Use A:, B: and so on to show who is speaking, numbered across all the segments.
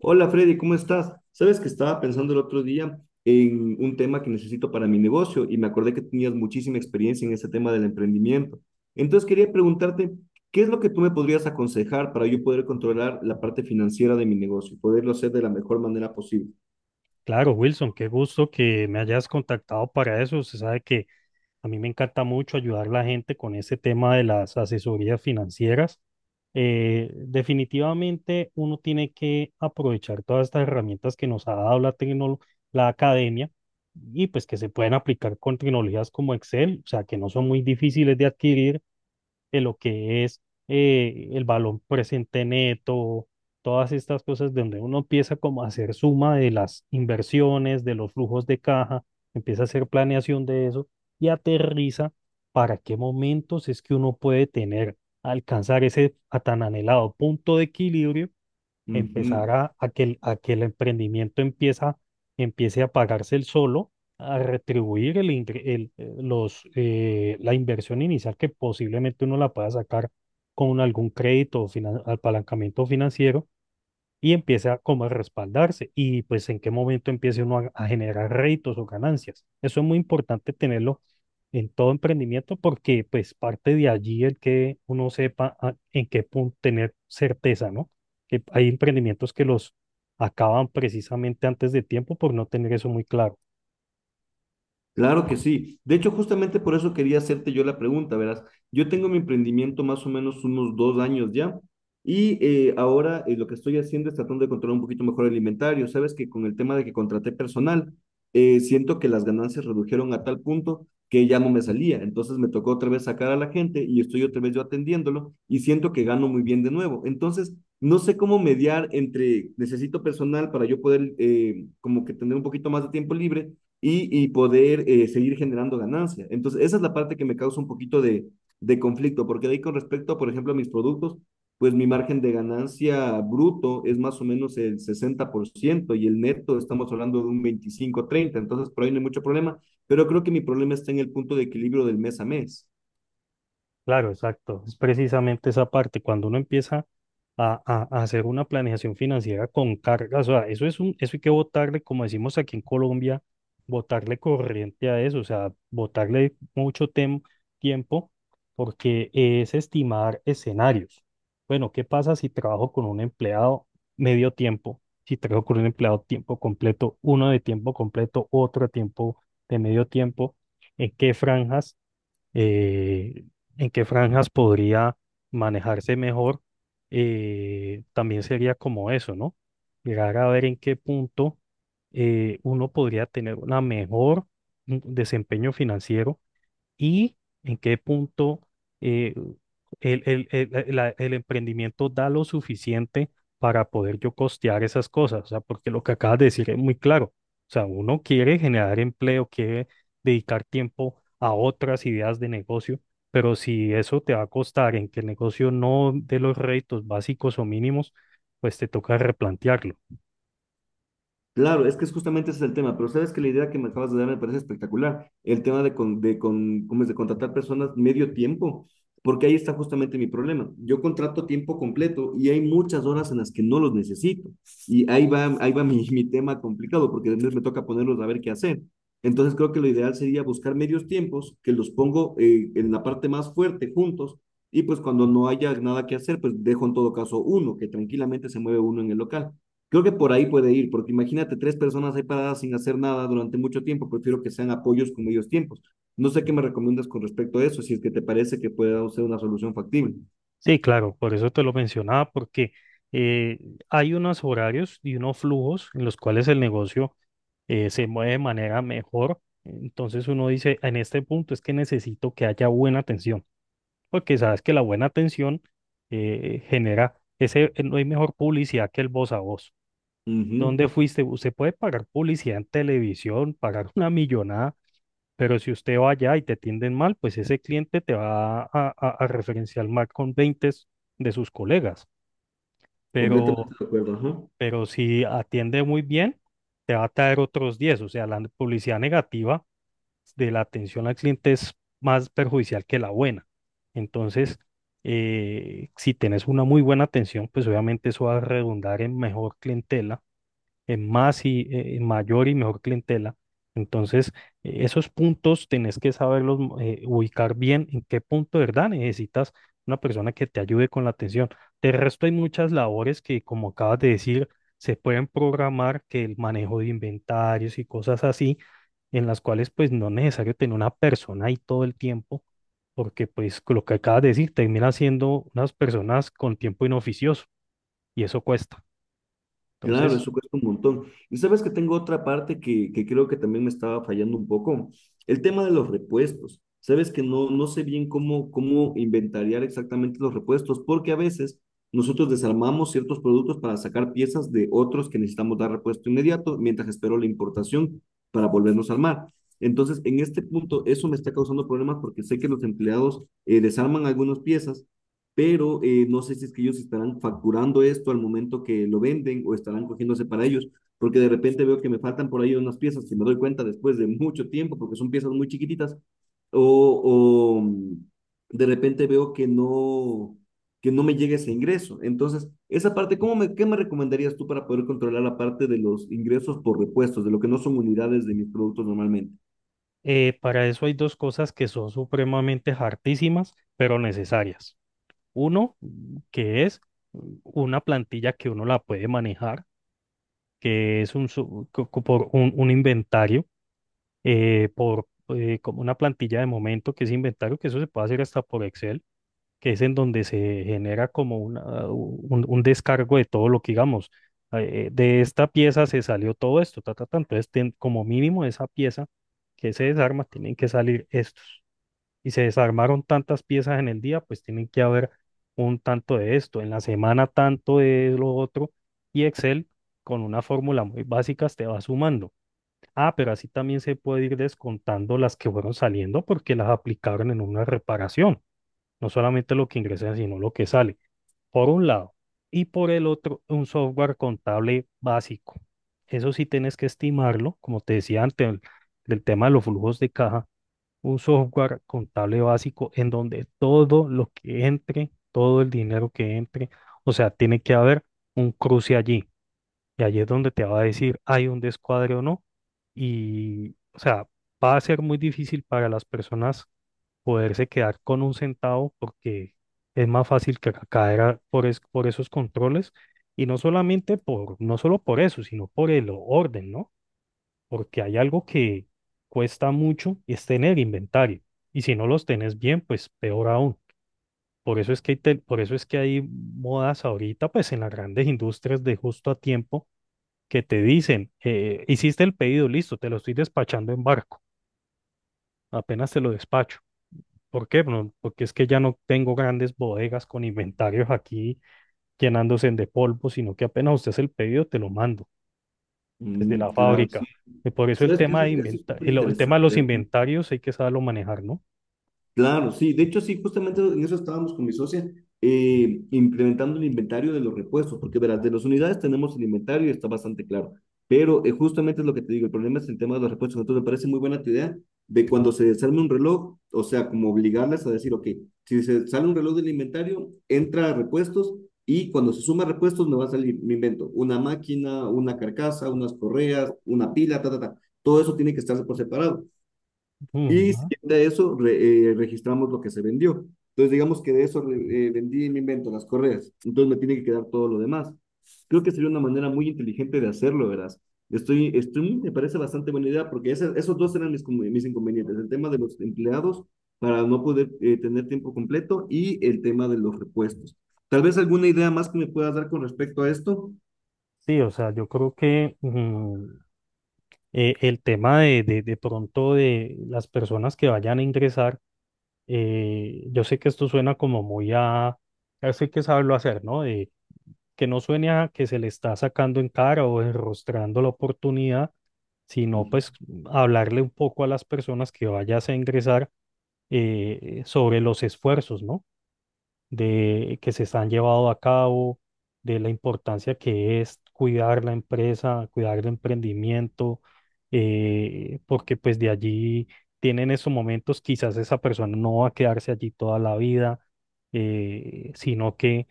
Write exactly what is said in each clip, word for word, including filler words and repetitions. A: Hola Freddy, ¿cómo estás? Sabes que estaba pensando el otro día en un tema que necesito para mi negocio y me acordé que tenías muchísima experiencia en ese tema del emprendimiento. Entonces quería preguntarte, ¿qué es lo que tú me podrías aconsejar para yo poder controlar la parte financiera de mi negocio, poderlo hacer de la mejor manera posible?
B: Claro, Wilson, qué gusto que me hayas contactado para eso. Usted sabe que a mí me encanta mucho ayudar a la gente con ese tema de las asesorías financieras. Eh, definitivamente uno tiene que aprovechar todas estas herramientas que nos ha dado la tecno- la academia y pues que se pueden aplicar con tecnologías como Excel, o sea, que no son muy difíciles de adquirir de lo que es eh, el balón presente neto, todas estas cosas donde uno empieza como a hacer suma de las inversiones, de los flujos de caja, empieza a hacer planeación de eso y aterriza para qué momentos es que uno puede tener, alcanzar ese a tan anhelado punto de equilibrio,
A: Ujú.
B: empezar a, a que, el- a que el emprendimiento empieza, empiece a pagarse el solo, a retribuir el, ingre- el, eh, los, eh, la inversión inicial que posiblemente uno la pueda sacar con algún crédito o finan- apalancamiento financiero y empiece a como a respaldarse y pues en qué momento empiece uno a, a generar réditos o ganancias. Eso es muy importante tenerlo en todo emprendimiento porque pues parte de allí el que uno sepa a- en qué punto tener certeza, ¿no? Que hay emprendimientos que los acaban precisamente antes de tiempo por no tener eso muy claro.
A: Claro que sí. De hecho, justamente por eso quería hacerte yo la pregunta, verás. Yo tengo mi emprendimiento más o menos unos dos años ya y eh, ahora, eh, lo que estoy haciendo es tratando de controlar un poquito mejor el inventario. Sabes que con el tema de que contraté personal, eh, siento que las ganancias redujeron a tal punto que ya no me salía. Entonces me tocó otra vez sacar a la gente y estoy otra vez yo atendiéndolo y siento que gano muy bien de nuevo. Entonces, no sé cómo mediar entre necesito personal para yo poder, eh, como que tener un poquito más de tiempo libre y, y poder, eh, seguir generando ganancia. Entonces, esa es la parte que me causa un poquito de, de conflicto, porque de ahí con respecto, por ejemplo, a mis productos, pues mi margen de ganancia bruto es más o menos el sesenta por ciento y el neto estamos hablando de un veinticinco treinta, entonces por ahí no hay mucho problema, pero creo que mi problema está en el punto de equilibrio del mes a mes.
B: Claro, exacto. Es precisamente esa parte, cuando uno empieza a, a- a hacer una planeación financiera con carga, o sea, eso es un, eso hay que botarle, como decimos aquí en Colombia, botarle corriente a eso, o sea, botarle mucho tem- tiempo, porque es estimar escenarios. Bueno, ¿qué pasa si trabajo con un empleado medio tiempo? Si trabajo con un empleado tiempo completo, uno de tiempo completo, otro a tiempo de medio tiempo, ¿en qué franjas? eh, en qué franjas podría manejarse mejor, eh, también sería como eso, ¿no? Llegar a ver en qué punto eh, uno podría tener una mejor mm, desempeño financiero y en qué punto eh, el, el- el- eh, la- el emprendimiento da lo suficiente para poder yo costear esas cosas. O sea, porque lo que acabas de decir es muy claro. O sea, uno quiere generar empleo, quiere dedicar tiempo a otras ideas de negocio, pero si eso te va a costar en que el negocio no dé los réditos básicos o mínimos, pues te toca replantearlo.
A: Claro, es que es justamente ese es el tema, pero sabes que la idea que me acabas de dar me parece espectacular, el tema de, con, de, con, ¿cómo es? De contratar personas medio tiempo, porque ahí está justamente mi problema. Yo contrato tiempo completo y hay muchas horas en las que no los necesito. Y ahí va, ahí va mi, mi tema complicado, porque después me toca ponerlos a ver qué hacer. Entonces creo que lo ideal sería buscar medios tiempos, que los pongo, eh, en la parte más fuerte juntos, y pues cuando no haya nada que hacer, pues dejo en todo caso uno, que tranquilamente se mueve uno en el local. Creo que por ahí puede ir, porque imagínate tres personas ahí paradas sin hacer nada durante mucho tiempo, prefiero que sean apoyos con medios tiempos. No sé qué me recomiendas con respecto a eso, si es que te parece que pueda ser una solución factible.
B: Sí, claro, por eso te lo mencionaba, porque eh, hay unos horarios y unos flujos en los cuales el negocio eh, se mueve de manera mejor. Entonces uno dice, en este punto es que necesito que haya buena atención, porque sabes que la buena atención eh, genera ese, eh, no hay mejor publicidad que el voz a voz.
A: Ujú.
B: ¿Dónde fuiste? Usted puede pagar publicidad en televisión, pagar una millonada, pero si usted va allá y te atienden mal, pues ese cliente te va a, a, a referenciar mal con veinte de sus colegas. Pero,
A: Completamente de acuerdo, ajá.
B: pero si atiende muy bien, te va a traer otros diez. O sea, la publicidad negativa de la atención al cliente es más perjudicial que la buena. Entonces, eh, si tenés una muy buena atención, pues obviamente eso va a redundar en mejor clientela, en más y eh, en mayor y mejor clientela. Entonces, eh, esos puntos tenés que saberlos mm, eh, ubicar bien en qué punto de verdad necesitas una persona que te ayude con la atención. De resto, hay muchas labores que, como acabas de decir, se pueden programar, que el manejo de inventarios y cosas así, en las cuales pues no es necesario tener una persona ahí todo el tiempo, porque pues con lo que acabas de decir termina siendo unas personas con tiempo inoficioso y eso cuesta.
A: Claro,
B: Entonces,
A: eso cuesta un montón. Y sabes que tengo otra parte que, que creo que también me estaba fallando un poco, el tema de los repuestos. Sabes que no, no sé bien cómo, cómo inventariar exactamente los repuestos, porque a veces nosotros desarmamos ciertos productos para sacar piezas de otros que necesitamos dar repuesto inmediato, mientras espero la importación para volvernos a armar. Entonces, en este punto, eso me está causando problemas porque sé que los empleados, eh, desarman algunas piezas, pero, eh, no sé si es que ellos estarán facturando esto al momento que lo venden o estarán cogiéndose para ellos, porque de repente veo que me faltan por ahí unas piezas que me doy cuenta después de mucho tiempo, porque son piezas muy chiquititas, o, o mm, de repente veo que no que no me llegue ese ingreso. Entonces, esa parte, ¿cómo me, ¿qué me recomendarías tú para poder controlar la parte de los ingresos por repuestos, de lo que no son unidades de mis productos normalmente?
B: Eh, para eso hay dos cosas que son supremamente hartísimas, pero necesarias. Uno, mm, que es mm, una plantilla que uno la puede manejar, que es un, su- co- co- por un, un inventario, eh, por eh, como una plantilla de momento, que es inventario, que eso se puede hacer hasta por Excel, que es en donde se genera como una- un, un descargo de todo lo que digamos. Eh, de esta pieza se salió todo esto, ta, ta, ta. Entonces, ten- como mínimo, de esa pieza que se desarma, tienen que salir estos, y se desarmaron tantas piezas en el día, pues tienen que haber un tanto de esto, en la semana tanto de lo otro, y Excel con una fórmula muy básica te va sumando. Ah, pero así también se puede ir descontando las que fueron saliendo porque las aplicaron en una reparación, no solamente lo que ingresa, sino lo que sale, por un lado, y por el otro, un software contable básico. Eso sí tienes que estimarlo, como te decía antes, el- del tema de los flujos de caja, un software contable básico en donde todo lo que entre, todo el dinero que entre, o sea, tiene que haber un cruce allí. Y allí es donde te va a decir hay un descuadre o no. Y, o sea, va a ser muy difícil para las personas poderse quedar con un centavo, porque es más fácil que ca- caer a- por, es- por esos controles. Y no solamente por, no solo por eso, sino por el orden, ¿no? Porque hay algo que cuesta mucho y es tener inventario. Y si no los tenés bien, pues peor aún. Por eso es que hay, te- por eso es que hay modas ahorita, pues en las grandes industrias, de justo a tiempo, que te dicen, eh, hiciste el pedido, listo, te lo estoy despachando en barco, apenas te lo despacho. ¿Por qué? Bueno, porque es que ya no tengo grandes bodegas con inventarios aquí llenándose de polvo, sino que apenas usted hace el pedido, te lo mando desde
A: Mm,
B: la
A: claro, sí.
B: fábrica. Y por eso el
A: ¿Sabes qué?
B: tema
A: Eso,
B: de
A: es- eso es
B: inventa-
A: súper
B: el, el tema de los
A: interesante.
B: inventarios hay que saberlo manejar, ¿no?
A: Claro, sí. De hecho, sí, justamente en eso estábamos con mi socia, eh, implementando el inventario de los repuestos, porque verás, de las unidades tenemos el inventario y está bastante claro. Pero, eh, justamente es lo que te digo, el problema es el tema de los repuestos. Entonces, me parece muy buena tu idea de cuando se desarme un reloj, o sea, como obligarlas a decir, ok, si se sale un reloj del inventario, entra a repuestos y cuando se suma repuestos me va a salir, me invento, una máquina, una carcasa, unas correas, una pila, ta, ta, ta. Todo eso tiene que estarse por separado.
B: Ujú.
A: Y si de eso, re- eh, registramos lo que se vendió. Entonces, digamos que de eso, re- eh, vendí, me invento, las correas. Entonces, me tiene que quedar todo lo demás. Creo que sería una manera muy inteligente de hacerlo, verás. Estoy, estoy, me parece bastante buena idea porque esa- esos dos eran mis, conve- mis inconvenientes. El tema de los empleados para no poder, eh, tener tiempo completo y el tema de los repuestos. Tal vez alguna idea más que me puedas dar con respecto a esto.
B: Sí, o sea, yo creo que mm, eh, el tema de, de, de pronto de las personas que vayan a ingresar, eh, yo sé que esto suena como muy a, eso hay que saberlo hacer, ¿no? De, que no suene a que se le está sacando en cara o enrostrando la oportunidad, sino
A: Ujú.
B: pues hablarle un poco a las personas que vayas a ingresar eh, sobre los esfuerzos, ¿no? De que se están llevando a cabo, de la importancia que es cuidar la empresa, cuidar el emprendimiento, eh, porque pues de allí tienen esos momentos, quizás esa persona no va a quedarse allí toda la vida, eh, sino que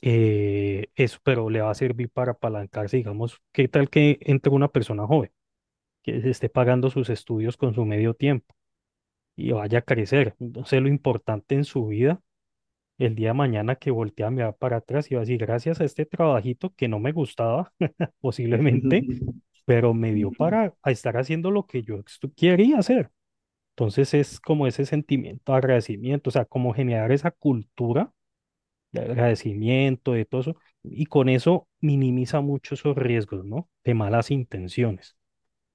B: eh, eso, pero le va a servir para apalancarse, digamos. ¿Qué tal que entre una persona joven que se esté pagando sus estudios con su medio tiempo y vaya a crecer? Entonces, lo importante en su vida el día de mañana, que voltea a mirar para atrás y va a decir, gracias a este trabajito que no me gustaba, posiblemente, pero me dio para a estar haciendo lo que yo estu- quería hacer. Entonces es como ese sentimiento de agradecimiento, o sea, como generar esa cultura de agradecimiento, de todo eso, y con eso minimiza mucho esos riesgos, ¿no? De malas intenciones.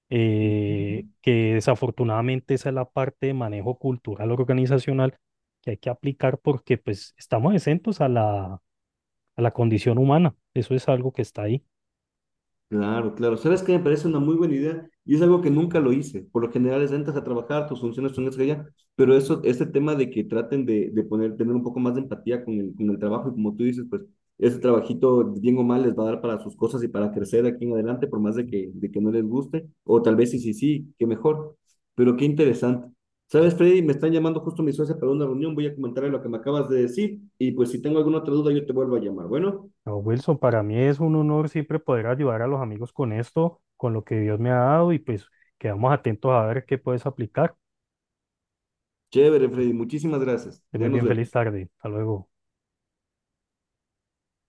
B: eh, Que desafortunadamente esa es la parte de manejo cultural organizacional que hay que aplicar, porque pues estamos exentos a la a la condición humana. Eso es algo que está ahí.
A: Claro, claro. ¿Sabes qué? Me parece una muy buena idea y es algo que nunca lo hice. Por lo general es entras a trabajar, tus funciones son esas ya. Pero eso, este tema de que traten de, de poner, tener un poco más de empatía con el, con el trabajo y como tú dices, pues ese trabajito, bien o mal, les va a dar para sus cosas y para crecer aquí en adelante, por más de que, de que no les guste, o tal vez sí, sí, sí, qué mejor. Pero qué interesante. ¿Sabes, Freddy? Me están llamando justo mi socia para una reunión, voy a comentarle lo que me acabas de decir y pues si tengo alguna otra duda yo te vuelvo a llamar. Bueno,
B: No, Wilson, para mí es un honor siempre poder ayudar a los amigos con esto, con lo que Dios me ha dado, y pues quedamos atentos a ver qué puedes aplicar.
A: chévere, Freddy, muchísimas gracias.
B: Estoy muy
A: Ya nos
B: bien, feliz
A: vemos.
B: tarde. Hasta luego.